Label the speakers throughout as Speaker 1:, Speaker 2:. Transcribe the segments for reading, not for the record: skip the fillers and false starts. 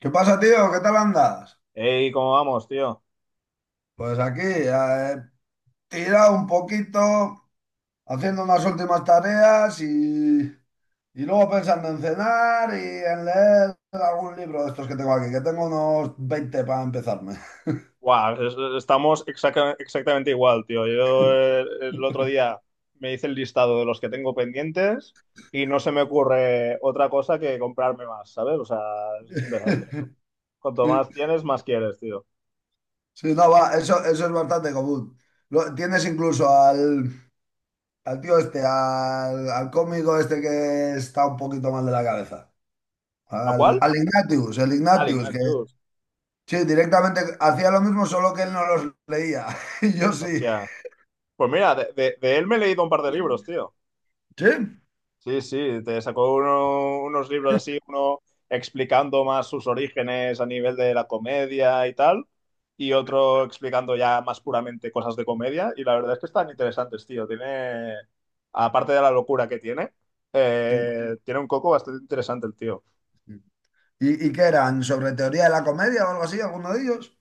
Speaker 1: ¿Qué pasa, tío? ¿Qué tal andas?
Speaker 2: Ey, ¿cómo vamos, tío?
Speaker 1: Pues aquí, tirado un poquito, haciendo unas últimas tareas y luego pensando en cenar y en leer algún libro de estos que tengo aquí, que tengo unos 20 para empezarme.
Speaker 2: Guau, estamos exactamente igual, tío. Yo otro día me hice el listado de los que tengo pendientes y no se me ocurre otra cosa que comprarme más, ¿sabes? O sea, es un desastre. Cuanto más tienes, más quieres, tío.
Speaker 1: Sí, no, va, eso es bastante común. Lo- tienes incluso al, al tío este, al cómico este que está un poquito mal de la cabeza.
Speaker 2: ¿A
Speaker 1: Al,
Speaker 2: cuál?
Speaker 1: al Ignatius, el
Speaker 2: Al
Speaker 1: Ignatius, que,
Speaker 2: Ignatius.
Speaker 1: sí, directamente hacía lo mismo, solo que él no los leía. Y yo sí.
Speaker 2: Hostia. Pues mira, de él me he leído un par de libros, tío.
Speaker 1: Sí,
Speaker 2: Sí, sí, te sacó unos libros así, uno explicando más sus orígenes a nivel de la comedia y tal, y otro explicando ya más puramente cosas de comedia, y la verdad es que están interesantes, tío. Tiene, aparte de la locura que tiene,
Speaker 1: sí.
Speaker 2: tiene un coco bastante interesante el tío.
Speaker 1: ¿Y qué eran? ¿Sobre teoría de la comedia o algo así, alguno de ellos?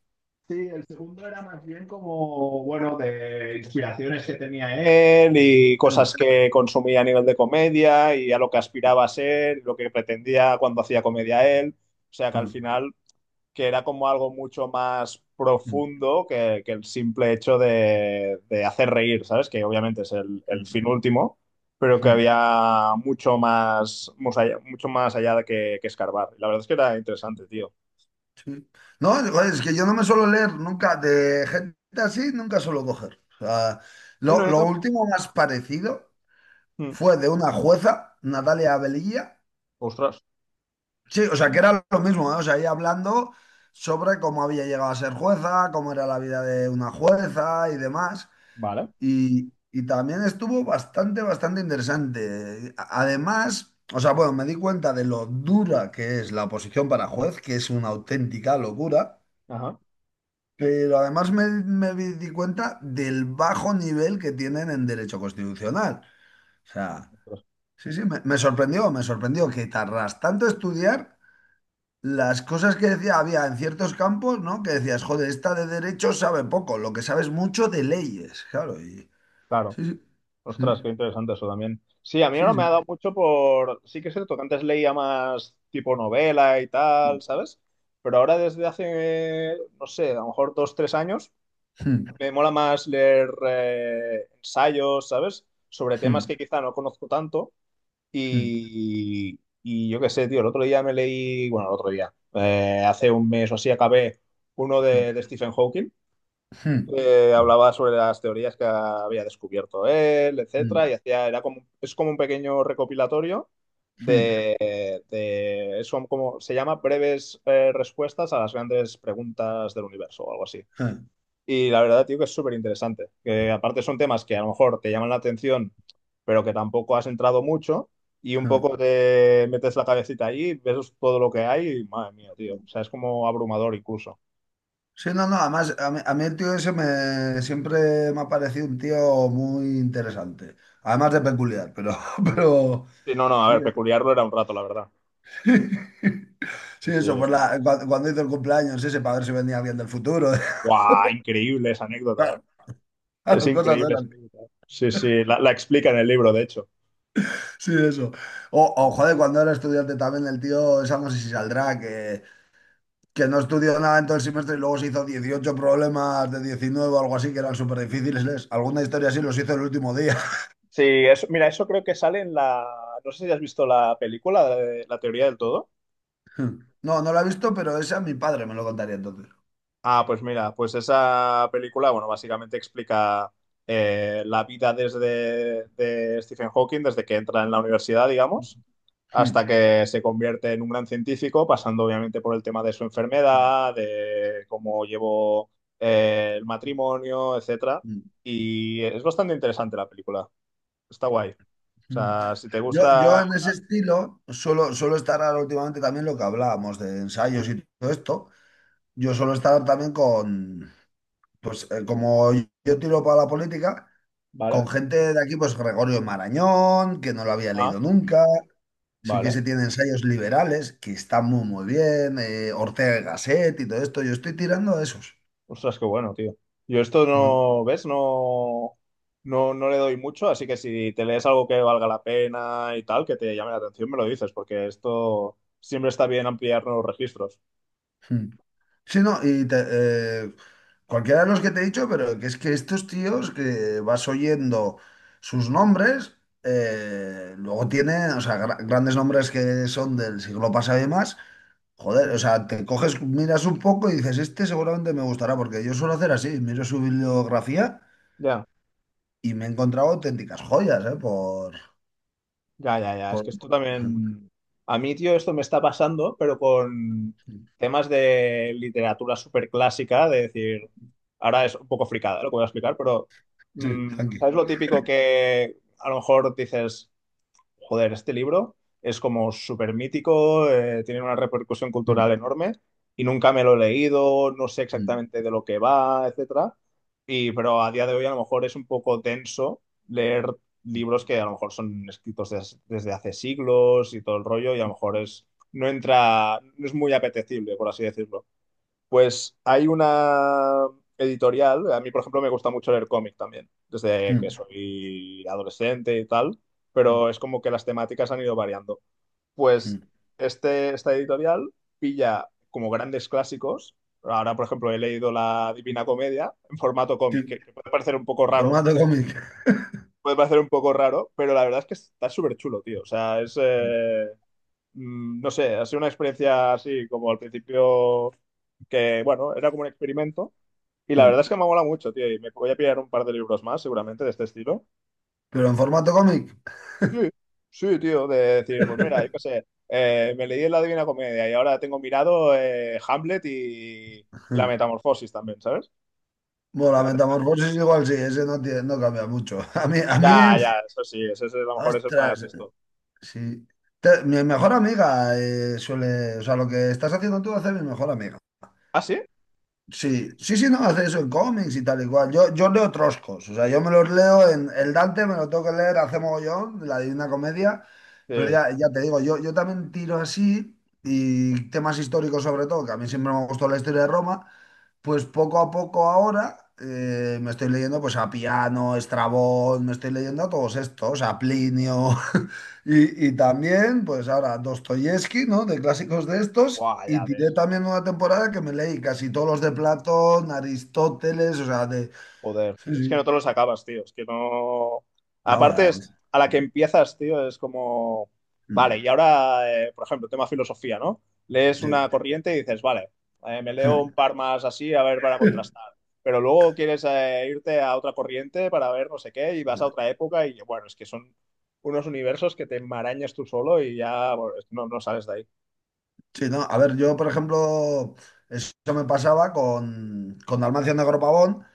Speaker 2: Sí, el segundo era más bien como, bueno, de inspiraciones que tenía él y cosas
Speaker 1: Mm,
Speaker 2: que consumía a nivel de comedia y a lo que aspiraba a ser, lo que pretendía cuando hacía comedia él. O sea que al
Speaker 1: mm,
Speaker 2: final, que era como algo mucho más
Speaker 1: mm,
Speaker 2: profundo que el simple hecho de hacer reír, ¿sabes? Que obviamente es
Speaker 1: mm,
Speaker 2: el fin último, pero que
Speaker 1: mm,
Speaker 2: había mucho más, mucho más allá de que escarbar. La verdad es que era interesante, tío.
Speaker 1: sí. No, joder, es que yo no me suelo leer nunca de gente así, nunca suelo coger. O sea,
Speaker 2: Y no,
Speaker 1: lo,
Speaker 2: yo
Speaker 1: lo
Speaker 2: tampoco.
Speaker 1: último más parecido
Speaker 2: Mm,
Speaker 1: fue de una jueza, Natalia Velilla.
Speaker 2: ostras.
Speaker 1: Sí, o sea, que era lo mismo, ¿eh? O sea, ella hablando sobre cómo había llegado a ser jueza, cómo era la vida de una jueza y demás.
Speaker 2: Vale.
Speaker 1: Y también estuvo bastante, bastante interesante. A- Además, o sea, bueno, me di cuenta de lo dura que es la oposición para juez, que es una auténtica locura,
Speaker 2: Ajá.
Speaker 1: pero además me, me vi- di cuenta del bajo nivel que tienen en derecho constitucional. O sea,
Speaker 2: Ostras.
Speaker 1: sí, sí, me sorprendió, me sorprendió que tardas tanto estudiar las cosas que decía, había en ciertos campos, ¿no? Que decías, joder, esta de derecho sabe poco, lo que sabes mucho de leyes, claro, y
Speaker 2: Claro.
Speaker 1: sí, sí.
Speaker 2: Ostras,
Speaker 1: Sí,
Speaker 2: qué interesante eso también. Sí, a mí
Speaker 1: sí,
Speaker 2: ahora me ha
Speaker 1: sí.
Speaker 2: dado mucho por... Sí que es cierto que antes leía más tipo novela y
Speaker 1: Sí,
Speaker 2: tal, ¿sabes? Pero ahora desde hace, no sé, a lo mejor dos, tres años, me mola más leer ensayos, ¿sabes? Sobre temas que quizá no conozco tanto. Y yo qué sé, tío, el otro día me leí, bueno, el otro día, hace un mes o así acabé uno de Stephen Hawking, que hablaba sobre las teorías que había descubierto él, etcétera, y hacía, era como, es como un pequeño recopilatorio de, son como, se llama breves respuestas a las grandes preguntas del universo o algo así. Y la verdad, tío, que es súper interesante. Que aparte son temas que a lo mejor te llaman la atención, pero que tampoco has entrado mucho. Y un poco te metes la cabecita ahí, ves todo lo que hay y madre mía, tío. O sea, es como abrumador incluso.
Speaker 1: no, no, además a mí el tío ese me, siempre me ha parecido un tío muy interesante, además de peculiar, pero, pero
Speaker 2: Sí, no, no, a
Speaker 1: sí,
Speaker 2: ver, peculiarlo era un rato, la verdad. Sí,
Speaker 1: sí, eso,
Speaker 2: sí.
Speaker 1: por la, cuando hizo el cumpleaños ese para ver si venía alguien del futuro,
Speaker 2: ¡Guau! Increíble esa anécdota, ¿eh? Es
Speaker 1: claro, cosas de
Speaker 2: increíble esa
Speaker 1: esas.
Speaker 2: anécdota. Sí, sí, la explica en el libro, de hecho.
Speaker 1: Sí, eso. O, joder, cuando era estudiante también el tío, esa no sé si saldrá, que no estudió nada en todo el semestre y luego se hizo 18 problemas de 19 o algo así que eran súper difíciles. Alguna historia así los hizo el último día.
Speaker 2: Sí, eso, mira, eso creo que sale en la... No sé si has visto la película de La Teoría del Todo.
Speaker 1: No, no la he visto, pero esa mi padre me lo contaría entonces.
Speaker 2: Ah, pues mira, pues esa película, bueno, básicamente explica la vida desde de Stephen Hawking, desde que entra en la universidad, digamos,
Speaker 1: Hmm.
Speaker 2: hasta que se convierte en un gran científico, pasando obviamente por el tema de su enfermedad, de cómo llevó el matrimonio, etcétera.
Speaker 1: Mm,
Speaker 2: Y es bastante interesante la película. Está guay. O
Speaker 1: mm.
Speaker 2: sea, si te
Speaker 1: Yo
Speaker 2: gusta.
Speaker 1: en ese estilo suelo estar ahora últimamente también lo que hablábamos de ensayos y todo esto. Yo suelo estar también con, pues como yo tiro para la política, con
Speaker 2: Vale.
Speaker 1: gente de aquí, pues Gregorio Marañón, que no lo había
Speaker 2: Ah,
Speaker 1: leído nunca. Sí que se
Speaker 2: vale.
Speaker 1: tiene ensayos liberales, que están muy, muy bien, Ortega y Gasset y todo esto. Yo estoy tirando a esos.
Speaker 2: Ostras, qué bueno, tío. Yo esto
Speaker 1: Mm.
Speaker 2: no, ¿ves? No, no le doy mucho, así que si te lees algo que valga la pena y tal, que te llame la atención, me lo dices, porque esto siempre está bien ampliar nuevos registros.
Speaker 1: Mm. Sí, no, y eh, cualquiera de los que te he dicho, pero que es que estos tíos que vas oyendo sus nombres, luego tiene, o sea, grandes nombres que son del siglo pasado y más. Joder, o
Speaker 2: Ujú.
Speaker 1: sea, te coges, miras un poco y dices, este seguramente me gustará, porque yo suelo hacer así, miro su bibliografía
Speaker 2: Ya,
Speaker 1: y me he encontrado auténticas joyas, ¿eh?
Speaker 2: ya, ya, ya. Es que
Speaker 1: Por-
Speaker 2: esto
Speaker 1: Ajá.
Speaker 2: también. A mí, tío, esto me está pasando, pero con temas de literatura súper clásica, de decir, ahora es un poco fricada lo que voy a explicar, pero
Speaker 1: Sí, tranqui.
Speaker 2: ¿sabes lo típico que a lo mejor dices? Joder, este libro es como súper mítico, tiene una repercusión cultural
Speaker 1: Mm,
Speaker 2: enorme y nunca me lo he leído, no sé
Speaker 1: mm,
Speaker 2: exactamente de lo que va, etcétera. Y, pero a día de hoy a lo mejor es un poco denso leer libros que a lo mejor son escritos desde hace siglos y todo el rollo y a lo mejor es, no entra, no es muy apetecible, por así decirlo. Pues hay una editorial, a mí por ejemplo me gusta mucho leer cómic también, desde que
Speaker 1: mm,
Speaker 2: soy adolescente y tal, pero es como que las temáticas han ido variando. Pues
Speaker 1: mm.
Speaker 2: esta editorial pilla como grandes clásicos. Ahora, por ejemplo, he leído La Divina Comedia en formato cómic,
Speaker 1: Sí,
Speaker 2: que puede parecer un poco raro,
Speaker 1: formato cómic.
Speaker 2: puede parecer un poco raro, pero la verdad es que está súper chulo, tío. O sea, es... no sé, ha sido una experiencia así como al principio que, bueno, era como un experimento. Y
Speaker 1: Sí.
Speaker 2: la verdad es que me mola mucho, tío. Y me voy a pillar un par de libros más, seguramente, de este estilo.
Speaker 1: Pero en formato cómic.
Speaker 2: Sí, sí, tío. De decir, pues mira, yo qué sé, me leí La Divina Comedia y ahora tengo mirado Hamlet y La
Speaker 1: Sí.
Speaker 2: Metamorfosis también, ¿sabes?
Speaker 1: Bueno, la
Speaker 2: Grande.
Speaker 1: metamorfosis igual sí, ese no, tiene- no cambia mucho. A mí,
Speaker 2: Ya, ya, eso sí, ese es, a lo mejor es el más de
Speaker 1: ostras,
Speaker 2: esto.
Speaker 1: sí. Mi mejor amiga suele, o sea, lo que estás haciendo tú hace mi mejor amiga.
Speaker 2: ¿Ah, sí?
Speaker 1: Sí, sí, sí, no, hace eso en cómics y tal y cual. Yo leo troscos, o sea, yo me los leo en el Dante, me lo tengo que leer hace mogollón, la Divina Comedia, pero
Speaker 2: Sí.
Speaker 1: ya, ya te digo, yo también tiro así y temas históricos sobre todo, que a mí siempre me gustó la historia de Roma, pues poco a poco ahora me estoy leyendo pues a Piano, Estrabón, me estoy leyendo a todos estos, a Plinio y también pues ahora Dostoyevsky, ¿no? De clásicos de estos
Speaker 2: Guau,
Speaker 1: y
Speaker 2: ya
Speaker 1: tiré
Speaker 2: ves.
Speaker 1: también una temporada que me leí casi todos los de Platón, Aristóteles, o sea, de...
Speaker 2: Joder,
Speaker 1: Sí,
Speaker 2: es que no
Speaker 1: sí.
Speaker 2: te los acabas, tío. Es que no.
Speaker 1: No,
Speaker 2: Aparte, es, a la que empiezas, tío, es como. Vale,
Speaker 1: mm,
Speaker 2: y ahora, por ejemplo, tema filosofía, ¿no? Lees
Speaker 1: sí.
Speaker 2: una corriente y dices, vale, me leo un par más así, a ver, para contrastar. Pero luego quieres irte a otra corriente para ver no sé qué y vas a otra época y bueno, es que son unos universos que te enmarañas tú solo y ya bueno, no, no sales de ahí.
Speaker 1: Sí, no, a ver, yo por ejemplo, eso me pasaba con Dalmacio Negro Pavón,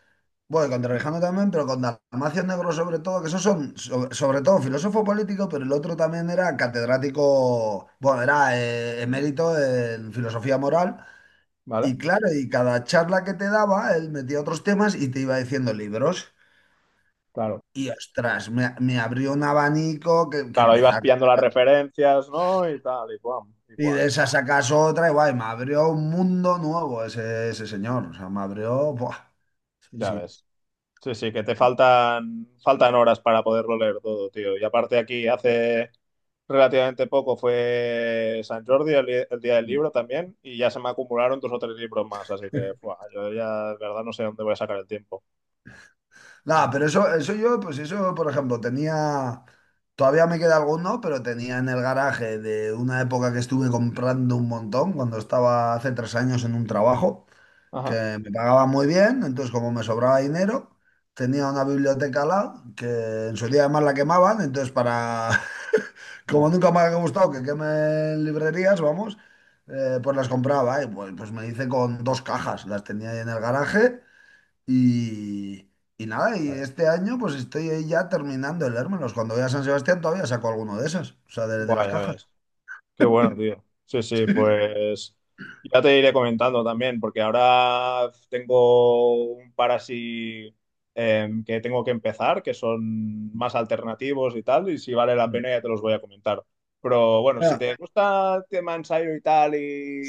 Speaker 1: bueno, con Trevijano también, pero con Dalmacio Negro sobre todo, que esos son sobre todo filósofo político, pero el otro también era catedrático, bueno, era emérito en filosofía moral.
Speaker 2: ¿Vale?
Speaker 1: Y claro, y cada charla que te daba, él metía otros temas y te iba diciendo libros.
Speaker 2: Claro.
Speaker 1: Y ostras, me abrió un abanico que
Speaker 2: Claro, ahí vas
Speaker 1: empezar.
Speaker 2: pillando las referencias, ¿no? Y tal, y guam, y
Speaker 1: Y
Speaker 2: guam.
Speaker 1: de esa sacas otra y guay, me abrió un mundo nuevo ese, ese señor. O sea, me abrió... Buah,
Speaker 2: Ya
Speaker 1: sí,
Speaker 2: ves. Sí, sí, que te faltan, faltan horas para poderlo leer todo, tío. Y aparte aquí hace relativamente poco fue San Jordi, el día del
Speaker 1: sí.
Speaker 2: libro también, y ya se me acumularon dos o tres libros más, así que buah, yo ya de verdad no sé dónde voy a sacar el tiempo.
Speaker 1: Nada, pero eso yo, pues eso, por ejemplo, tenía, todavía me queda alguno, pero tenía en el garaje de una época que estuve comprando un montón, cuando estaba hace 3 años en un trabajo,
Speaker 2: Ajá.
Speaker 1: que me pagaba muy bien, entonces como me sobraba dinero, tenía una biblioteca al lado, que en su día además la quemaban, entonces para, como
Speaker 2: Buah,
Speaker 1: nunca me ha gustado que quemen librerías, vamos, pues las compraba, y pues, me hice con dos cajas, las tenía ahí en el garaje. Y, y nada, y
Speaker 2: ya ves.
Speaker 1: este año pues estoy ahí ya terminando de leérmelos. Cuando voy a San Sebastián todavía saco alguno de esas o sea, de
Speaker 2: Buah,
Speaker 1: las
Speaker 2: ya
Speaker 1: cajas.
Speaker 2: ves. Qué bueno, tío. Sí, sí, pues ya te iré comentando también, porque ahora tengo un par así que tengo que empezar, que son más alternativos y tal, y si vale la
Speaker 1: Mm.
Speaker 2: pena ya te los voy a comentar. Pero bueno, si
Speaker 1: Ah,
Speaker 2: te gusta el tema ensayo y tal,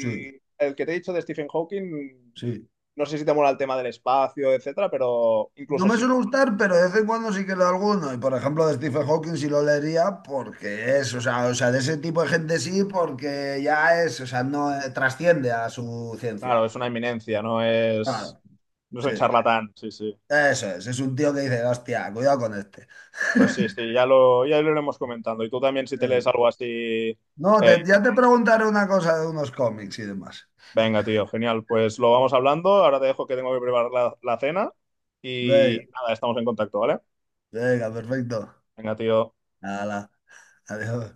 Speaker 1: sí,
Speaker 2: el que te he dicho de Stephen Hawking,
Speaker 1: sí.
Speaker 2: no sé si te mola el tema del espacio, etcétera, pero
Speaker 1: No
Speaker 2: incluso
Speaker 1: me
Speaker 2: si no,
Speaker 1: suele gustar, pero de vez en cuando sí que leo alguno. Y por ejemplo, de Stephen Hawking sí lo leería porque es, o sea, de ese tipo de gente sí, porque ya es, o sea, no trasciende a su ciencia.
Speaker 2: claro, es una eminencia, no es,
Speaker 1: Claro,
Speaker 2: no es
Speaker 1: sí.
Speaker 2: un charlatán, sí, sí.
Speaker 1: Eso es un tío que dice, hostia, cuidado con este.
Speaker 2: Pues sí, sí, ya lo iremos comentando. Y tú también, si te
Speaker 1: Eh,
Speaker 2: lees algo así,
Speaker 1: No,
Speaker 2: eh,
Speaker 1: ya te preguntaré una cosa de unos cómics y demás.
Speaker 2: venga, tío, genial. Pues lo vamos hablando. Ahora te dejo que tengo que preparar la cena. Y
Speaker 1: Venga.
Speaker 2: nada, estamos en contacto, ¿vale?
Speaker 1: Venga, perfecto.
Speaker 2: Venga, tío.
Speaker 1: Nada, adiós.